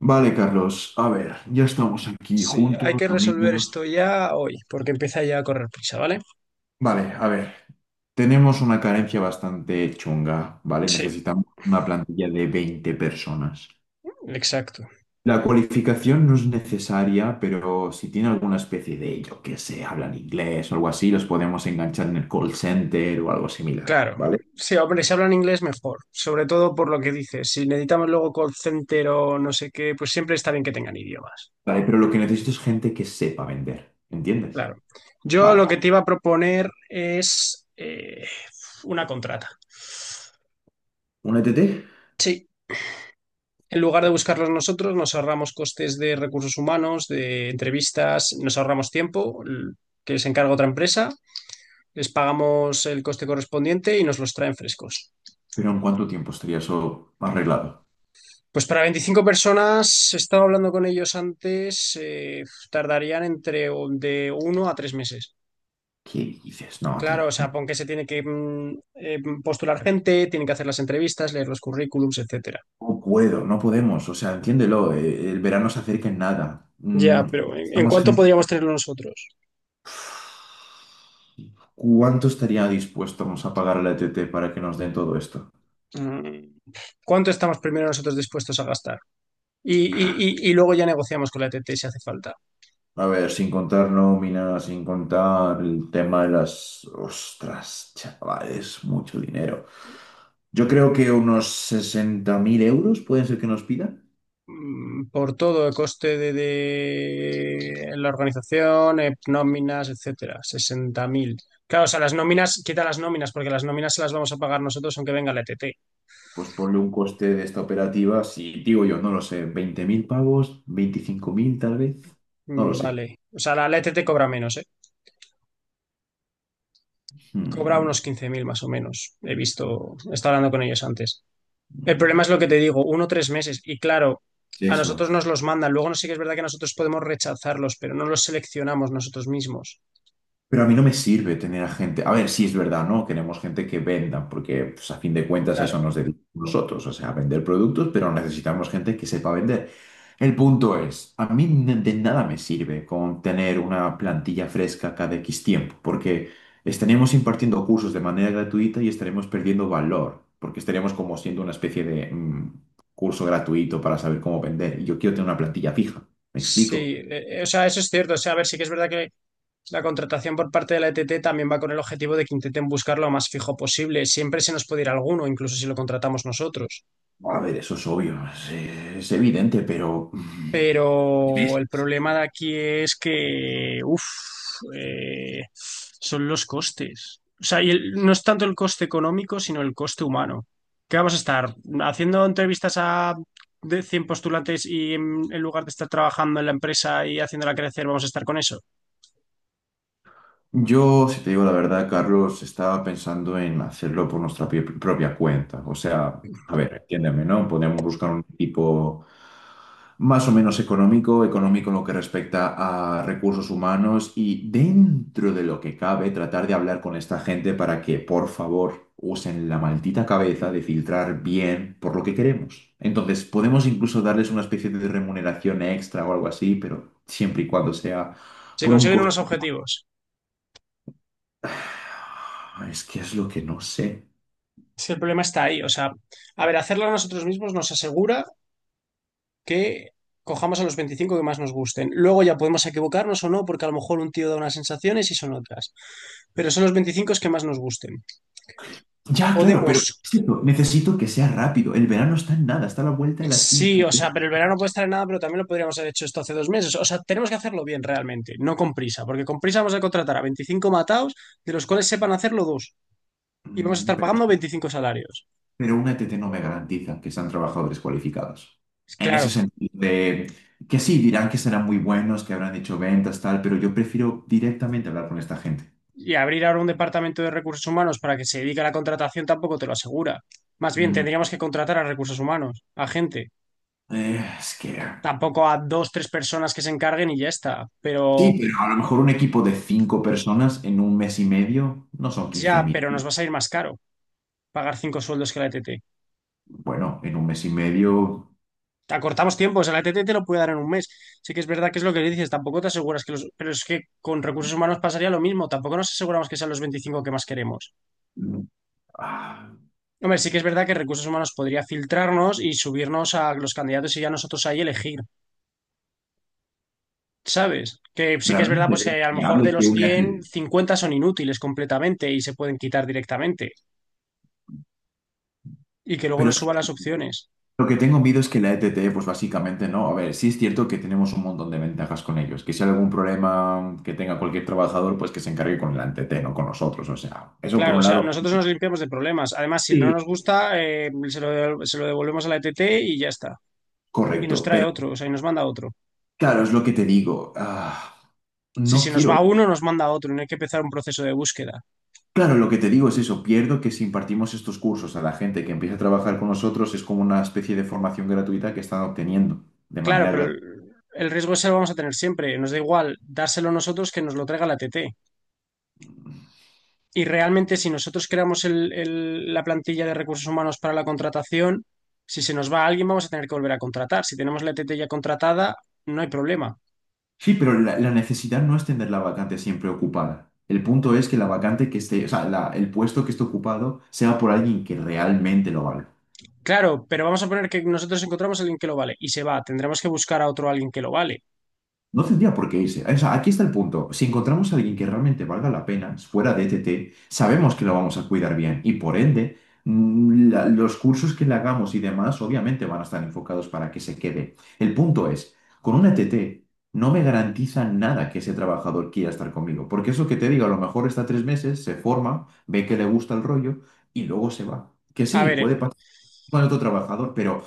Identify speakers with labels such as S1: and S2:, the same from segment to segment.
S1: Vale, Carlos, a ver, ya estamos aquí
S2: Sí, hay
S1: juntos,
S2: que resolver
S1: reunidos.
S2: esto ya hoy, porque empieza ya a correr prisa, ¿vale?
S1: Vale, a ver, tenemos una carencia bastante chunga, ¿vale?
S2: Sí,
S1: Necesitamos una plantilla de 20 personas.
S2: exacto.
S1: La cualificación no es necesaria, pero si tiene alguna especie de, yo que sé, hablan inglés o algo así, los podemos enganchar en el call center o algo similar,
S2: Claro.
S1: ¿vale?
S2: Sí, hombre, si hablan inglés mejor, sobre todo por lo que dices. Si necesitamos luego call center o no sé qué, pues siempre está bien que tengan idiomas.
S1: Vale, pero lo que necesito es gente que sepa vender, ¿entiendes?
S2: Claro. Yo lo que
S1: Vale,
S2: te iba a proponer es una contrata.
S1: un E T? T,
S2: Sí, en lugar de buscarlos nosotros, nos ahorramos costes de recursos humanos, de entrevistas, nos ahorramos tiempo que se encarga otra empresa, les pagamos el coste correspondiente y nos los traen frescos.
S1: pero ¿en cuánto tiempo estaría eso arreglado?
S2: Pues para 25 personas, estaba hablando con ellos antes, tardarían entre de uno a tres meses.
S1: ¿Qué dices? No,
S2: Claro, o
S1: tío.
S2: sea, porque se tiene que postular gente, tienen que hacer las entrevistas, leer los currículums, etcétera.
S1: No puedo, no podemos, o sea, entiéndelo, el verano se acerca en nada.
S2: Ya,
S1: Mm,
S2: pero ¿en
S1: estamos
S2: cuánto
S1: gente.
S2: podríamos tenerlo nosotros?
S1: ¿Cuánto estaría dispuestos a pagar a la ETT para que nos den todo esto?
S2: Mm, ¿Cuánto estamos primero nosotros dispuestos a gastar? Y luego ya negociamos con la ETT si hace falta.
S1: A ver, sin contar nómina, sin contar el tema de las. Ostras, chavales, mucho dinero. Yo creo que unos 60.000 euros pueden ser que nos pidan.
S2: Por todo el coste de la organización, nóminas, etcétera, 60.000. Claro, o sea, las nóminas, quita las nóminas, porque las nóminas se las vamos a pagar nosotros aunque venga la ETT.
S1: Pues ponle un coste de esta operativa, si digo yo, no lo sé, 20.000 pavos, 25.000 tal vez, no lo
S2: Mm.
S1: sé.
S2: Vale. O sea, la ETT cobra menos, ¿eh? Cobra
S1: Hmm.
S2: unos 15.000 más o menos. He visto, he estado hablando con ellos antes. El problema es lo que te digo, uno o tres meses. Y claro,
S1: Sí,
S2: a
S1: eso.
S2: nosotros nos los mandan. Luego no sé, sí que es verdad que nosotros podemos rechazarlos, pero no los seleccionamos nosotros mismos.
S1: Pero a mí no me sirve tener a gente. A ver, sí es verdad, ¿no? Queremos gente que venda, porque pues, a fin de cuentas a
S2: Claro.
S1: eso nos dedicamos nosotros, o sea, a vender productos, pero necesitamos gente que sepa vender. El punto es, a mí de nada me sirve con tener una plantilla fresca cada X tiempo, porque estaremos impartiendo cursos de manera gratuita y estaremos perdiendo valor, porque estaremos como siendo una especie de curso gratuito para saber cómo vender. Y yo quiero tener una plantilla fija, ¿me
S2: Sí,
S1: explico?
S2: o sea, eso es cierto. O sea, a ver, sí que es verdad que la contratación por parte de la ETT también va con el objetivo de que intenten buscar lo más fijo posible. Siempre se nos puede ir alguno, incluso si lo contratamos nosotros.
S1: A ver, eso es obvio, es evidente, pero
S2: Pero el problema de aquí es que, uff, son los costes. O sea, y no es tanto el coste económico, sino el coste humano. ¿Qué vamos a estar haciendo entrevistas a de 100 postulantes y, en lugar de estar trabajando en la empresa y haciéndola crecer, vamos a estar con eso?
S1: yo, si te digo la verdad, Carlos, estaba pensando en hacerlo por nuestra propia cuenta. O sea, a ver, entiéndeme, ¿no? Podemos buscar un equipo más o menos económico, económico en lo que respecta a recursos humanos y dentro de lo que cabe, tratar de hablar con esta gente para que, por favor, usen la maldita cabeza de filtrar bien por lo que queremos. Entonces, podemos incluso darles una especie de remuneración extra o algo así, pero siempre y cuando sea
S2: Se
S1: por un
S2: consiguen
S1: coste.
S2: unos objetivos.
S1: Es que es lo que no sé.
S2: Es que el problema está ahí. O sea, a ver, hacerlo nosotros mismos nos asegura que cojamos a los 25 que más nos gusten. Luego ya podemos equivocarnos o no, porque a lo mejor un tío da unas sensaciones y son otras. Pero son los 25 que más nos gusten.
S1: Ya, claro,
S2: Podemos,
S1: pero es cierto, necesito que sea rápido. El verano está en nada, está a la vuelta de la esquina.
S2: sí, o sea, pero el verano puede estar en nada, pero también lo podríamos haber hecho esto hace dos meses. O sea, tenemos que hacerlo bien realmente, no con prisa, porque con prisa vamos a contratar a 25 matados, de los cuales sepan hacerlo dos. Y vamos a
S1: Mm,
S2: estar pagando
S1: Pero
S2: 25 salarios.
S1: pero una ETT no me garantiza que sean trabajadores cualificados. En ese
S2: Claro.
S1: sentido, de que sí, dirán que serán muy buenos, que habrán hecho ventas, tal, pero yo prefiero directamente hablar con esta gente.
S2: Y abrir ahora un departamento de recursos humanos para que se dedique a la contratación tampoco te lo asegura. Más bien,
S1: Mm,
S2: tendríamos que contratar a recursos humanos, a gente.
S1: es que.
S2: Tampoco, a dos, tres personas que se encarguen y ya está. Pero
S1: Sí, pero a lo mejor un equipo de cinco personas en un mes y medio no son quince
S2: ya,
S1: mil.
S2: pero nos va a salir más caro pagar cinco sueldos que la E T T.
S1: Bueno, en un mes y medio.
S2: Acortamos tiempos, la E T T. te lo puede dar en un mes. Sí que es verdad que es lo que dices, tampoco te aseguras que los... Pero es que con recursos humanos pasaría lo mismo, tampoco nos aseguramos que sean los 25 que más queremos.
S1: mm, ah,
S2: Hombre, sí que es verdad que recursos humanos podría filtrarnos y subirnos a los candidatos y ya nosotros ahí elegir. ¿Sabes? Que sí que es verdad,
S1: Realmente
S2: pues
S1: es
S2: que a lo mejor de
S1: viable
S2: los
S1: que una
S2: cien,
S1: ETT.
S2: 50 son inútiles completamente y se pueden quitar directamente y que luego
S1: Pero
S2: nos
S1: es que
S2: suban las opciones.
S1: lo que tengo miedo es que la ETT, pues básicamente no. A ver, sí es cierto que tenemos un montón de ventajas con ellos. Que si hay algún problema que tenga cualquier trabajador, pues que se encargue con la ETT, no con nosotros. O sea, eso por
S2: Claro, o
S1: un
S2: sea,
S1: lado,
S2: nosotros nos limpiamos de problemas. Además, si no
S1: sí,
S2: nos gusta, se lo devolvemos a la ETT y ya está. Y nos
S1: correcto.
S2: trae
S1: Pero
S2: otro, o sea, y nos manda otro.
S1: claro, es lo que te digo.
S2: Si
S1: No
S2: se nos
S1: quiero
S2: va
S1: eso.
S2: uno, nos manda otro y no hay que empezar un proceso de búsqueda.
S1: Claro, lo que te digo es eso. Pierdo que si impartimos estos cursos a la gente que empieza a trabajar con nosotros, es como una especie de formación gratuita que están obteniendo de
S2: Claro,
S1: manera
S2: pero el riesgo ese lo vamos a tener siempre. Nos da igual dárselo nosotros que nos lo traiga la ETT.
S1: gratuita.
S2: Y realmente, si nosotros creamos la plantilla de recursos humanos para la contratación, si se nos va alguien, vamos a tener que volver a contratar. Si tenemos la ETT ya contratada, no hay problema.
S1: Sí, pero la necesidad no es tener la vacante siempre ocupada. El punto es que la vacante que esté, o sea, el puesto que esté ocupado sea por alguien que realmente lo valga.
S2: Claro, pero vamos a poner que nosotros encontramos a alguien que lo vale y se va. Tendremos que buscar a otro alguien que lo vale.
S1: No tendría por qué irse. O sea, aquí está el punto. Si encontramos a alguien que realmente valga la pena, fuera de ETT, sabemos que lo vamos a cuidar bien y por ende, los cursos que le hagamos y demás, obviamente van a estar enfocados para que se quede. El punto es, con un ETT no me garantiza nada que ese trabajador quiera estar conmigo, porque eso que te digo, a lo mejor está 3 meses, se forma, ve que le gusta el rollo y luego se va. Que
S2: A
S1: sí,
S2: ver,
S1: puede pasar con otro trabajador, pero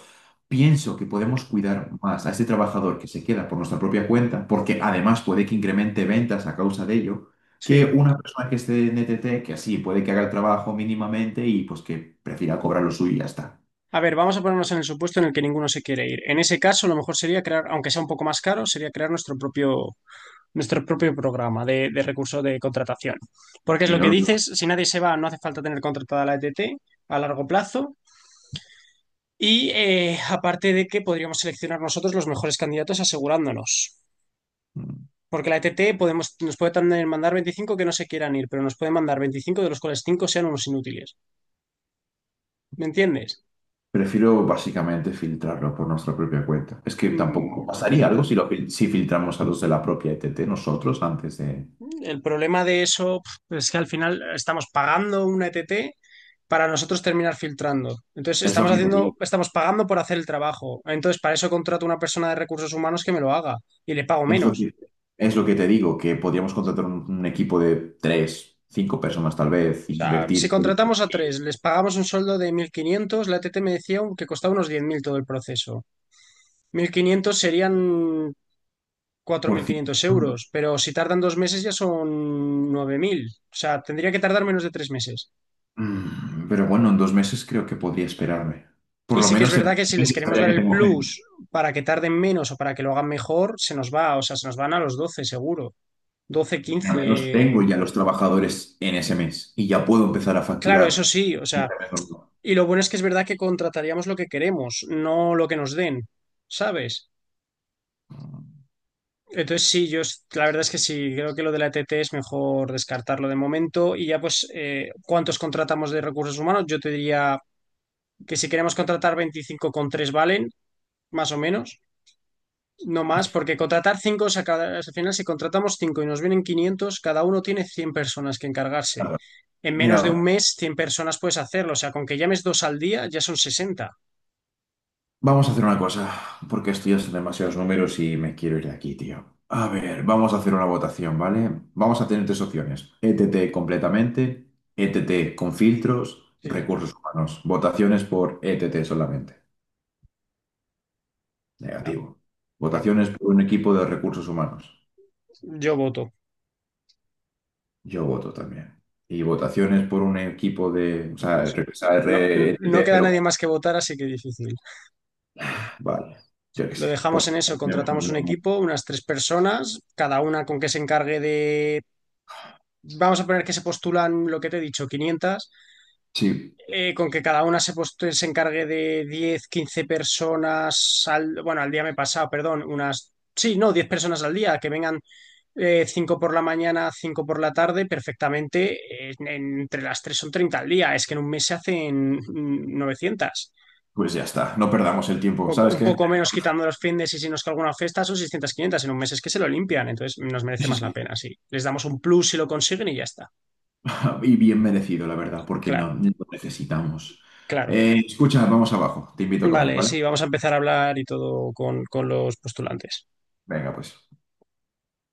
S1: pienso que podemos cuidar más a este trabajador que se queda por nuestra propia cuenta, porque además puede que incremente ventas a causa de ello, que
S2: sí.
S1: una persona que esté en ETT, que así puede que haga el trabajo mínimamente y pues que prefiera cobrar lo suyo y ya está.
S2: A ver, vamos a ponernos en el supuesto en el que ninguno se quiere ir. En ese caso, lo mejor sería crear, aunque sea un poco más caro, sería crear nuestro propio programa de recursos de contratación. Porque es
S1: Y
S2: lo
S1: no
S2: que
S1: lo.
S2: dices, si nadie se va, no hace falta tener contratada la ETT a largo plazo. Y aparte, de que podríamos seleccionar nosotros los mejores candidatos, asegurándonos. Porque la ETT podemos, nos puede también mandar 25 que no se quieran ir, pero nos puede mandar 25 de los cuales 5 sean unos inútiles. ¿Me entiendes?
S1: Prefiero básicamente filtrarlo por nuestra propia cuenta. Es que tampoco
S2: Mm,
S1: pasaría algo si, lo, si filtramos a los de la propia ETT nosotros antes de.
S2: El problema de eso, es que al final estamos pagando una ETT para nosotros terminar filtrando. Entonces
S1: Es lo
S2: estamos
S1: que te
S2: haciendo,
S1: digo.
S2: estamos pagando por hacer el trabajo. Entonces, para eso contrato a una persona de recursos humanos que me lo haga y le pago
S1: Es lo
S2: menos.
S1: que, es lo que te digo, que podríamos contratar un equipo de tres, cinco personas tal vez,
S2: O sea, si
S1: invertir
S2: contratamos a tres, les pagamos un sueldo de 1.500, la ETT me decía que costaba unos 10.000 todo el proceso. 1.500 serían
S1: por
S2: 4.500
S1: cinco.
S2: euros, pero si tardan dos meses ya son 9.000. O sea, tendría que tardar menos de tres meses.
S1: Pero bueno, en 2 meses creo que podría esperarme. Por
S2: Y
S1: lo
S2: sí que es
S1: menos en dos
S2: verdad que si les
S1: meses
S2: queremos
S1: sabría
S2: dar
S1: que
S2: el
S1: tengo gente.
S2: plus para que tarden menos o para que lo hagan mejor, se nos va, o sea, se nos van a los doce seguro, 12
S1: Al menos tengo
S2: quince.
S1: ya los trabajadores en ese mes y ya puedo empezar a
S2: Claro, eso
S1: facturar.
S2: sí, o sea, y lo bueno es que es verdad que contrataríamos lo que queremos, no lo que nos den, ¿sabes? Entonces sí, yo la verdad es que sí, creo que lo de la ETT es mejor descartarlo de momento y ya pues, ¿cuántos contratamos de recursos humanos? Yo te diría que si queremos contratar 25 con 3 valen, más o menos. No más, porque contratar cinco, o sea, al final si contratamos cinco y nos vienen quinientos, cada uno tiene 100 personas que encargarse.
S1: Claro.
S2: En menos de un
S1: Mira,
S2: mes, 100 personas puedes hacerlo. O sea, con que llames dos al día, ya son sesenta.
S1: vamos a hacer una cosa, porque esto ya son demasiados números y me quiero ir de aquí, tío. A ver, vamos a hacer una votación, ¿vale? Vamos a tener tres opciones. ETT completamente, ETT con filtros,
S2: Sí,
S1: recursos humanos. Votaciones por ETT solamente.
S2: no,
S1: Negativo.
S2: no.
S1: Votaciones por un equipo de recursos humanos.
S2: Yo voto.
S1: Yo voto también. Y votaciones por un equipo de. O sea,
S2: Pues
S1: o sea,
S2: no, no
S1: ETT,
S2: queda
S1: pero.
S2: nadie más que votar, así que difícil.
S1: Vale, yo qué
S2: Lo
S1: sé. Pues.
S2: dejamos en eso, contratamos un equipo, unas tres personas, cada una con que se encargue de... Vamos a poner que se postulan lo que te he dicho, quinientas,
S1: Sí,
S2: con que cada una se, pues, se encargue de diez, 15 personas al, bueno, al día me he pasado, perdón, unas, sí, no, 10 personas al día, que vengan, 5 por la mañana, 5 por la tarde, perfectamente, entre las tres son 30 al día, es que en un mes se hacen 900.
S1: pues ya está. No perdamos el tiempo. ¿Sabes
S2: Un
S1: qué?
S2: poco menos quitando los fines y si nos que alguna fiesta, son 600, 500, en un mes es que se lo limpian, entonces nos merece
S1: Sí,
S2: más la
S1: sí.
S2: pena, sí. Les damos un plus si lo consiguen y ya está.
S1: Y bien merecido, la verdad, porque no,
S2: Claro,
S1: no lo necesitamos.
S2: claro.
S1: Escucha, vamos abajo. Te invito a comer,
S2: Vale,
S1: ¿vale?
S2: sí, vamos a empezar a hablar y todo con los postulantes.
S1: Venga, pues.